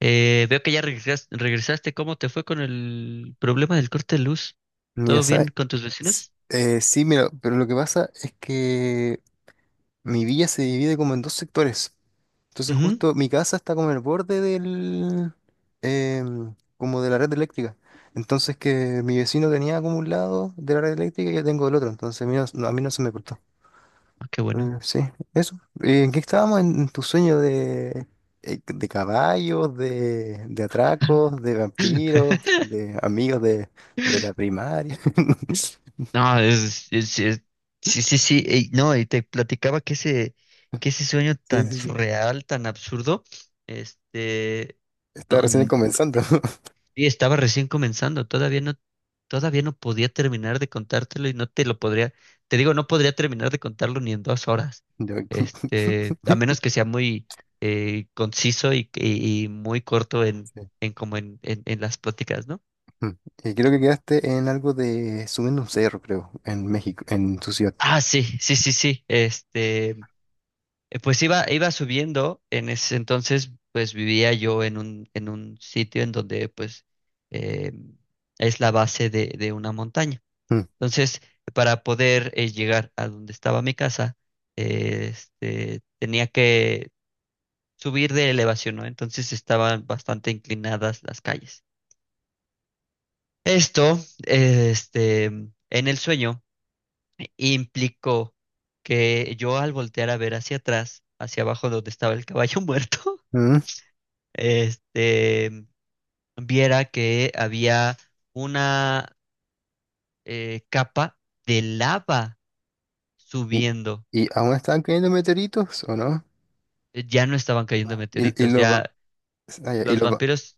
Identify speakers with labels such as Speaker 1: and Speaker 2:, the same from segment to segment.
Speaker 1: Veo que ya regresaste. ¿Cómo te fue con el problema del corte de luz?
Speaker 2: Mira,
Speaker 1: ¿Todo bien con tus
Speaker 2: s-
Speaker 1: vecinos?
Speaker 2: sí, mira, pero lo que pasa es que mi villa se divide como en dos sectores. Entonces
Speaker 1: Ujú.
Speaker 2: justo mi casa está como en el borde del, como de la red eléctrica. Entonces que mi vecino tenía como un lado de la red eléctrica y yo tengo el otro. Entonces a mí a mí no se me cortó.
Speaker 1: Ah, qué bueno.
Speaker 2: Sí, eso. ¿En qué estábamos? ¿En tu sueño de caballos, de atracos, de vampiros, de amigos de la primaria?
Speaker 1: No, sí, sí, sí. Ey, no, y te platicaba que ese sueño
Speaker 2: Sí,
Speaker 1: tan
Speaker 2: sí, sí.
Speaker 1: surreal, tan absurdo, este,
Speaker 2: Está
Speaker 1: no.
Speaker 2: recién comenzando.
Speaker 1: Y estaba recién comenzando, todavía no podía terminar de contártelo y no te lo podría, te digo, no podría terminar de contarlo ni en 2 horas.
Speaker 2: Yo-
Speaker 1: A menos que sea muy conciso y muy corto
Speaker 2: Sí.
Speaker 1: en como en las pláticas, ¿no?
Speaker 2: Mm. Y creo que quedaste en algo de subiendo un cerro, creo, en México, en tu ciudad.
Speaker 1: Ah, sí, sí, sí, sí. Pues iba subiendo. En ese entonces, pues vivía yo en un sitio en donde pues eh, es la base de una montaña.
Speaker 2: Mm.
Speaker 1: Entonces, para poder llegar a donde estaba mi casa, tenía que subir de elevación, ¿no? Entonces estaban bastante inclinadas las calles. Esto, en el sueño implicó que yo, al voltear a ver hacia atrás, hacia abajo donde estaba el caballo muerto,
Speaker 2: Mm.
Speaker 1: este, viera que había una capa de lava
Speaker 2: ¿Y,
Speaker 1: subiendo.
Speaker 2: y aún están cayendo meteoritos o no?
Speaker 1: Ya no estaban cayendo
Speaker 2: Y
Speaker 1: meteoritos,
Speaker 2: los... va-
Speaker 1: ya
Speaker 2: ah, ya, y
Speaker 1: los
Speaker 2: los va-
Speaker 1: vampiros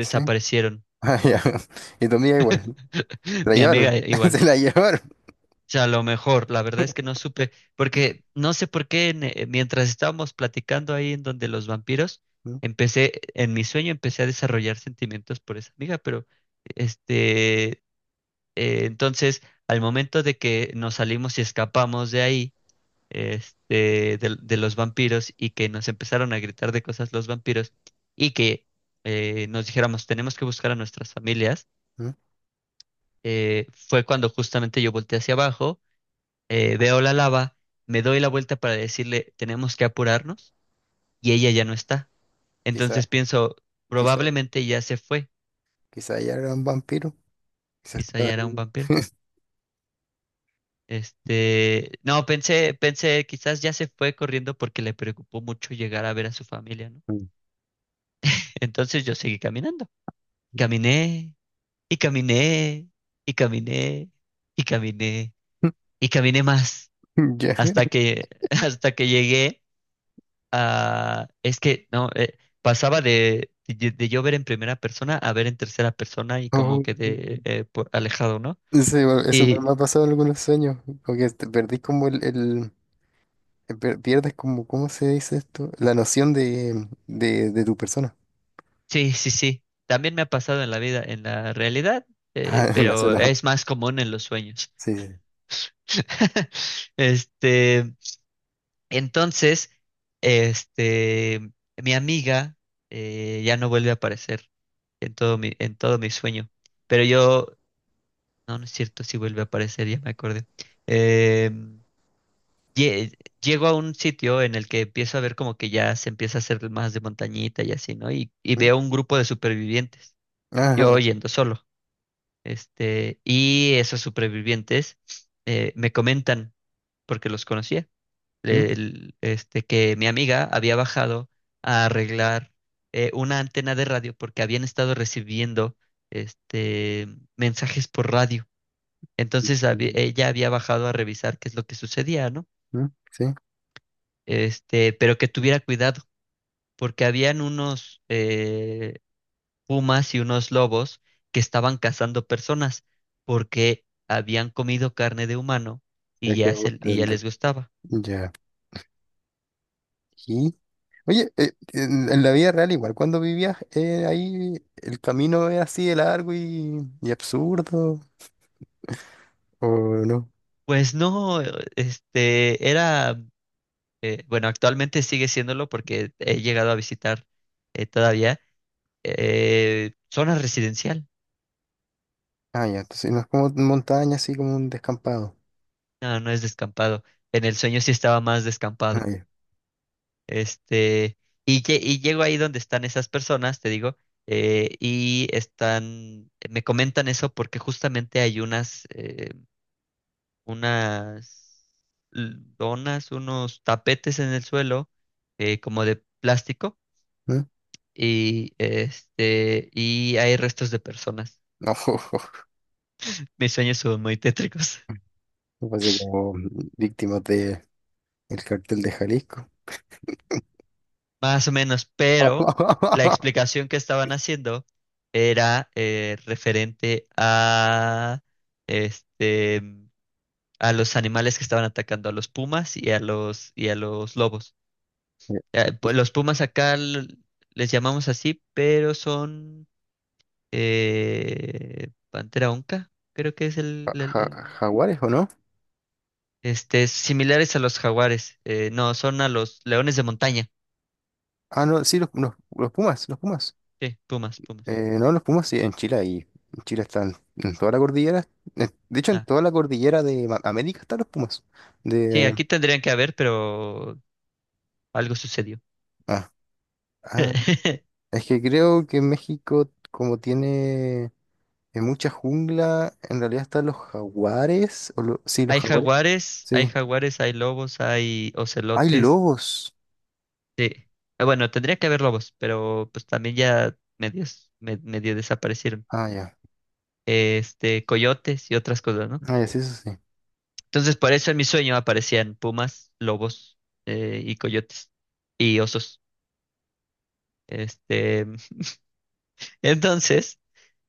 Speaker 2: ¿Sí? Ah, ya. Y tu amiga igual. Se la
Speaker 1: Mi amiga
Speaker 2: llevaron. Se
Speaker 1: igual.
Speaker 2: la llevaron.
Speaker 1: O sea, a lo mejor, la verdad es que no supe, porque no sé por qué mientras estábamos platicando ahí en donde los vampiros,
Speaker 2: Mm,
Speaker 1: en mi sueño empecé a desarrollar sentimientos por esa amiga, pero este, entonces, al momento de que nos salimos y escapamos de ahí, de los vampiros, y que nos empezaron a gritar de cosas los vampiros, y que nos dijéramos, tenemos que buscar a nuestras familias.
Speaker 2: mm.
Speaker 1: Fue cuando justamente yo volteé hacia abajo, veo la lava, me doy la vuelta para decirle, tenemos que apurarnos, y ella ya no está.
Speaker 2: Quizá,
Speaker 1: Entonces pienso,
Speaker 2: quizá,
Speaker 1: probablemente ya se fue,
Speaker 2: quizá ya era un vampiro. Quizá
Speaker 1: quizá
Speaker 2: estaba
Speaker 1: ya era un
Speaker 2: ahí.
Speaker 1: vampiro. No, pensé, pensé, quizás ya se fue corriendo porque le preocupó mucho llegar a ver a su familia, ¿no? Entonces yo seguí caminando.
Speaker 2: Mm.
Speaker 1: Caminé y caminé y caminé y caminé y caminé más
Speaker 2: Ya.
Speaker 1: hasta que hasta que llegué a, es que no, pasaba de yo ver en primera persona a ver en tercera persona y como
Speaker 2: Oh.
Speaker 1: que de por alejado, ¿no?
Speaker 2: Sí, bueno, eso igual
Speaker 1: Y
Speaker 2: me ha pasado en algunos sueños, porque te perdís como el- per- pierdes como, ¿cómo se dice esto? La noción de tu persona.
Speaker 1: sí, sí, sí. También me ha pasado en la vida, en la realidad,
Speaker 2: Ah, no, eso
Speaker 1: pero
Speaker 2: no.
Speaker 1: es más común en los sueños.
Speaker 2: Sí. sí,
Speaker 1: Este, Entonces, este, mi amiga ya no vuelve a aparecer en todo mi sueño. Pero yo, no, no es cierto, sí vuelve a aparecer, ya me acordé. Em, lle- Llego a un sitio en el que empiezo a ver como que ya se empieza a hacer más de montañita y así, ¿no? Y
Speaker 2: sí. ¿Mm?
Speaker 1: veo un grupo de supervivientes, yo
Speaker 2: Ah,
Speaker 1: yendo solo. Y esos supervivientes me comentan, porque los conocía
Speaker 2: ¿mm?
Speaker 1: que mi amiga había bajado a arreglar una antena de radio porque habían estado recibiendo este, mensajes por radio. Entonces
Speaker 2: ¿Mm?
Speaker 1: ella había bajado a revisar qué es lo que sucedía, ¿no?
Speaker 2: ¿Mm? Sí,
Speaker 1: Pero que tuviera cuidado porque habían unos pumas y unos lobos que estaban cazando personas porque habían comido carne de humano y
Speaker 2: es que
Speaker 1: ya,
Speaker 2: me gusta
Speaker 1: y ya
Speaker 2: tanto.
Speaker 1: les gustaba.
Speaker 2: Ya. Y, oye, en la vida real igual, cuando vivías ahí, ¿el camino es así de largo y absurdo? ¿O no?
Speaker 1: Pues no, este, era bueno, actualmente sigue siéndolo porque he llegado a visitar todavía zona residencial.
Speaker 2: Ah, ya, entonces no es como montaña, así como un descampado.
Speaker 1: No, no es descampado. En el sueño sí estaba más
Speaker 2: Ah,
Speaker 1: descampado.
Speaker 2: ya.
Speaker 1: Este, y, y llego ahí donde están esas personas, te digo, y están, me comentan eso porque justamente hay unas donas, unos tapetes en el suelo, como de plástico,
Speaker 2: ¿Mm?
Speaker 1: y este, y hay restos de personas. Mis sueños son muy tétricos.
Speaker 2: Me parece como víctimas de el cartel de Jalisco.
Speaker 1: Más o menos, pero la explicación que estaban haciendo era referente a, este, a los animales que estaban atacando, a los pumas y y a los lobos.
Speaker 2: Eh,
Speaker 1: Pues, los pumas acá les llamamos así, pero son pantera onca, creo que es
Speaker 2: ¿Jaguares o no?
Speaker 1: similares a los jaguares. No, son a los leones de montaña.
Speaker 2: Ah, no, sí, los Pumas, los Pumas.
Speaker 1: Sí, pumas, pumas.
Speaker 2: No, los Pumas sí, en Chile y en Chile están en toda la cordillera. En- De hecho, en
Speaker 1: Ah,
Speaker 2: toda la cordillera de Ma- América están los Pumas.
Speaker 1: sí,
Speaker 2: De,
Speaker 1: aquí tendrían que haber, pero algo sucedió.
Speaker 2: ah, ah, es que creo que México, como tiene mucha jungla, en realidad están los jaguares. O lo- sí, los
Speaker 1: Hay
Speaker 2: jaguares.
Speaker 1: jaguares, hay
Speaker 2: Sí.
Speaker 1: jaguares, hay lobos, hay
Speaker 2: Hay
Speaker 1: ocelotes.
Speaker 2: lobos.
Speaker 1: Sí. Ah, bueno, tendría que haber lobos, pero pues también ya medios, medio desaparecieron.
Speaker 2: Ah, ya.
Speaker 1: Coyotes y otras cosas, ¿no?
Speaker 2: Ah, ya, sí, eso sí.
Speaker 1: Entonces, por eso en mi sueño aparecían pumas, lobos, y coyotes y osos. Este, entonces,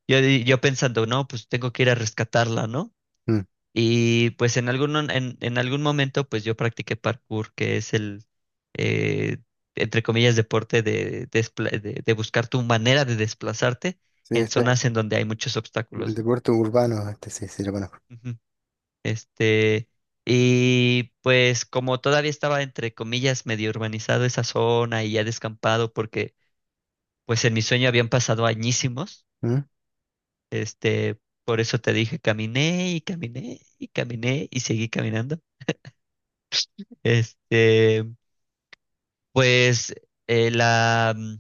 Speaker 1: yo, yo pensando, no, pues tengo que ir a rescatarla, ¿no?
Speaker 2: Mm.
Speaker 1: Y pues en algún momento pues yo practiqué parkour, que es eh, entre comillas, deporte de, de buscar tu manera de desplazarte
Speaker 2: Sí,
Speaker 1: en
Speaker 2: este es
Speaker 1: zonas en donde hay muchos
Speaker 2: el
Speaker 1: obstáculos, ¿no?
Speaker 2: deporte urbano, este sí, sí lo conozco.
Speaker 1: Ujú. Este, y pues como todavía estaba, entre comillas, medio urbanizado esa zona y ya descampado, porque pues en mi sueño habían pasado añísimos,
Speaker 2: ¿Mm?
Speaker 1: este, por eso te dije, caminé y caminé y caminé y seguí caminando. Este... pues eh, la, mm,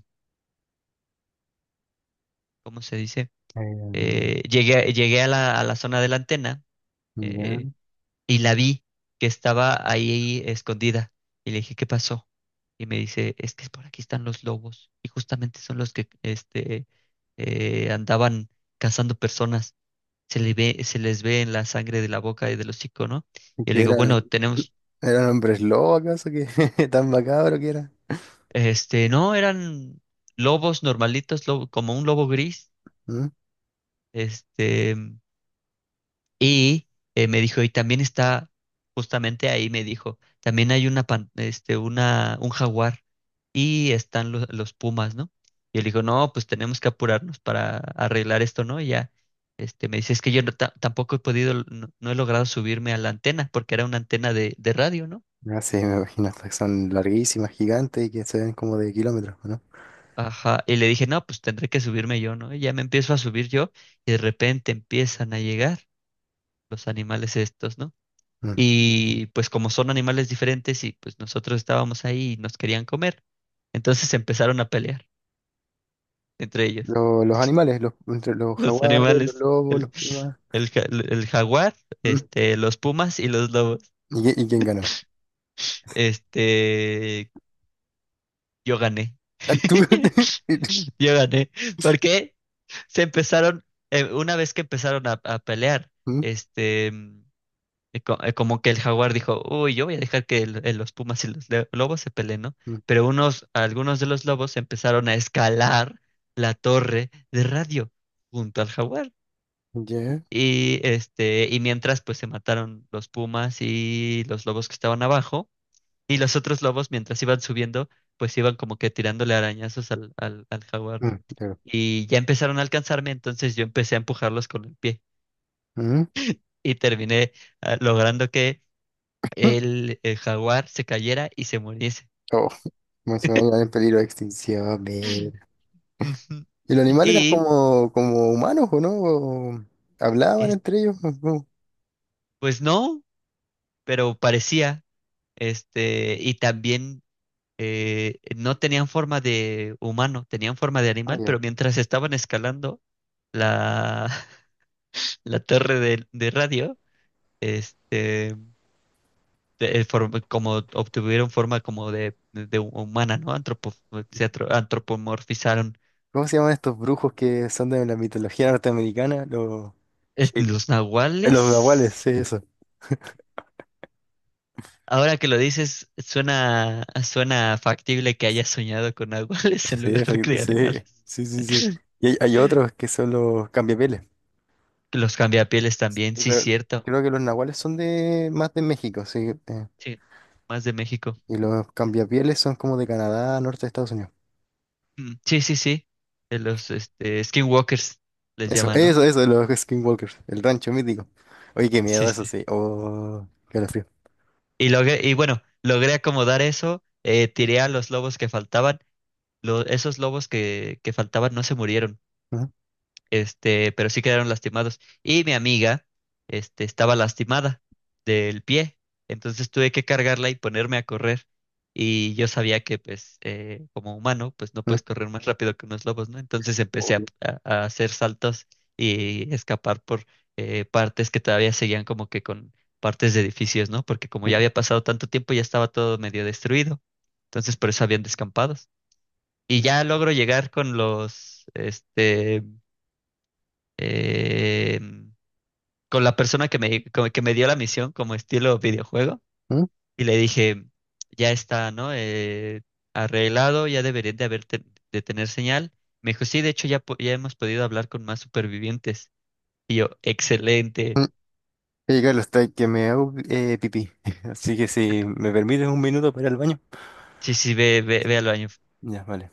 Speaker 1: ¿cómo se dice?
Speaker 2: Em,
Speaker 1: Llegué a la zona de la antena,
Speaker 2: ya.
Speaker 1: eh, y la vi que estaba ahí escondida. Y le dije, ¿qué pasó? Y me dice, es que por aquí están los lobos y justamente son los que andaban cazando personas. Se les ve en la sangre de la boca y del hocico, ¿no?
Speaker 2: ¿Y
Speaker 1: Y le
Speaker 2: qué
Speaker 1: digo,
Speaker 2: era?
Speaker 1: bueno, tenemos,
Speaker 2: ¿Eran hombres lobo acaso? Que tan macabro que era.
Speaker 1: no, eran lobos normalitos, como un lobo gris.
Speaker 2: ¿Mm?
Speaker 1: este, Y me dijo, y también está, justamente ahí me dijo, también hay una, pan- este, una, un jaguar y están los pumas, ¿no? Y él dijo, no, pues tenemos que apurarnos para arreglar esto, ¿no? Y ya, me dice, es que yo no tampoco he podido, no, no he logrado subirme a la antena, porque era una antena de radio, ¿no?
Speaker 2: Ah, sí, me imagino, estas que son larguísimas, gigantes y que se ven como de kilómetros, ¿no?
Speaker 1: Ajá, y le dije, no, pues tendré que subirme yo, ¿no? Y ya me empiezo a subir yo y de repente empiezan a llegar los animales estos, ¿no?
Speaker 2: Mm.
Speaker 1: Y pues como son animales diferentes y pues nosotros estábamos ahí y nos querían comer, entonces empezaron a pelear entre ellos,
Speaker 2: Lo- los animales, los, entre los
Speaker 1: los
Speaker 2: jaguares, los
Speaker 1: animales,
Speaker 2: lobos, los pumas.
Speaker 1: el jaguar,
Speaker 2: ¿Mm?
Speaker 1: los pumas y los lobos.
Speaker 2: ¿Y, qui- y quién ganó?
Speaker 1: Este, yo gané.
Speaker 2: Ah, ¿tú?
Speaker 1: Yo gané. ¿Por qué? Se empezaron, una vez que empezaron a pelear,
Speaker 2: ¿Mm?
Speaker 1: este, es, es como que el jaguar dijo, uy, yo voy a dejar que los pumas y los lobos se peleen, ¿no?
Speaker 2: ¿Mm?
Speaker 1: Pero unos, algunos de los lobos empezaron a escalar la torre de radio junto al jaguar.
Speaker 2: ¿Ya?
Speaker 1: Y mientras, pues se mataron los pumas y los lobos que estaban abajo, y los otros lobos mientras iban subiendo pues iban como que tirándole arañazos al jaguar,
Speaker 2: Mm,
Speaker 1: ¿no?
Speaker 2: claro.
Speaker 1: Y ya empezaron a alcanzarme, entonces yo empecé a empujarlos con el pie
Speaker 2: ¿Mm?
Speaker 1: y terminé, ah, logrando que
Speaker 2: ¿Mm?
Speaker 1: el jaguar se cayera y se muriese.
Speaker 2: Oh, como se me va a dar en peligro de extinción,
Speaker 1: Ujú.
Speaker 2: ¿y los animales eran
Speaker 1: Y
Speaker 2: como, como humanos o no? ¿O hablaban
Speaker 1: es-
Speaker 2: entre ellos? ¿O cómo?
Speaker 1: pues no, pero parecía, y también no tenían forma de humano, tenían forma de
Speaker 2: Ah,
Speaker 1: animal, pero
Speaker 2: ya.
Speaker 1: mientras estaban escalando la, la torre de radio, este, como obtuvieron forma como de humana, ¿no? Antropomorfizaron.
Speaker 2: ¿Cómo se llaman estos brujos que son de la mitología norteamericana? Los shape.
Speaker 1: Los
Speaker 2: Los nahuales,
Speaker 1: nahuales.
Speaker 2: sí, eso.
Speaker 1: Ahora que lo dices, suena, suena factible que haya soñado con nahuales en
Speaker 2: Sí,
Speaker 1: lugar de animales.
Speaker 2: sí, sí, sí, sí. Y hay otros que son los cambiapieles.
Speaker 1: Que los cambiapieles
Speaker 2: Sí,
Speaker 1: también, sí,
Speaker 2: pero
Speaker 1: cierto.
Speaker 2: creo que los nahuales son de más de México, sí. Eh,
Speaker 1: Sí, más de México.
Speaker 2: y los cambiapieles son como de Canadá, norte de Estados Unidos.
Speaker 1: Mm, sí, sí, sí. De los skinwalkers les
Speaker 2: Eso,
Speaker 1: llaman, ¿no?
Speaker 2: eso, eso, de los skinwalkers, el rancho mítico. Oye, qué
Speaker 1: Sí,
Speaker 2: miedo eso,
Speaker 1: sí.
Speaker 2: sí. Oh, qué frío.
Speaker 1: Y logré, y bueno, logré acomodar eso, tiré a los lobos que faltaban. Esos lobos que faltaban no se murieron. Pero sí quedaron lastimados. Y mi amiga, estaba lastimada del pie, entonces tuve que cargarla y ponerme a correr. Y yo sabía que, pues, como humano, pues no puedes correr más rápido que unos lobos, ¿no? Entonces empecé
Speaker 2: Obvio.
Speaker 1: a hacer saltos y escapar por partes que todavía seguían como que con partes de edificios, ¿no? Porque como
Speaker 2: Mm,
Speaker 1: ya había pasado tanto tiempo, ya estaba todo medio destruido. Entonces por eso habían descampados. Y ya logro llegar con los, eh, con la persona que me, que me dio la misión como estilo videojuego
Speaker 2: mm,
Speaker 1: y le dije, ya está, ¿no? Arreglado, ya deberían de de tener señal. Me dijo, sí, de hecho ya, ya hemos podido hablar con más supervivientes. Y yo, excelente.
Speaker 2: mm. Oye, Carlos, está que me hago pipí. Así que si me permites un minuto para ir al baño.
Speaker 1: Sí, sí, ve, ve, ve al baño.
Speaker 2: Ya, vale.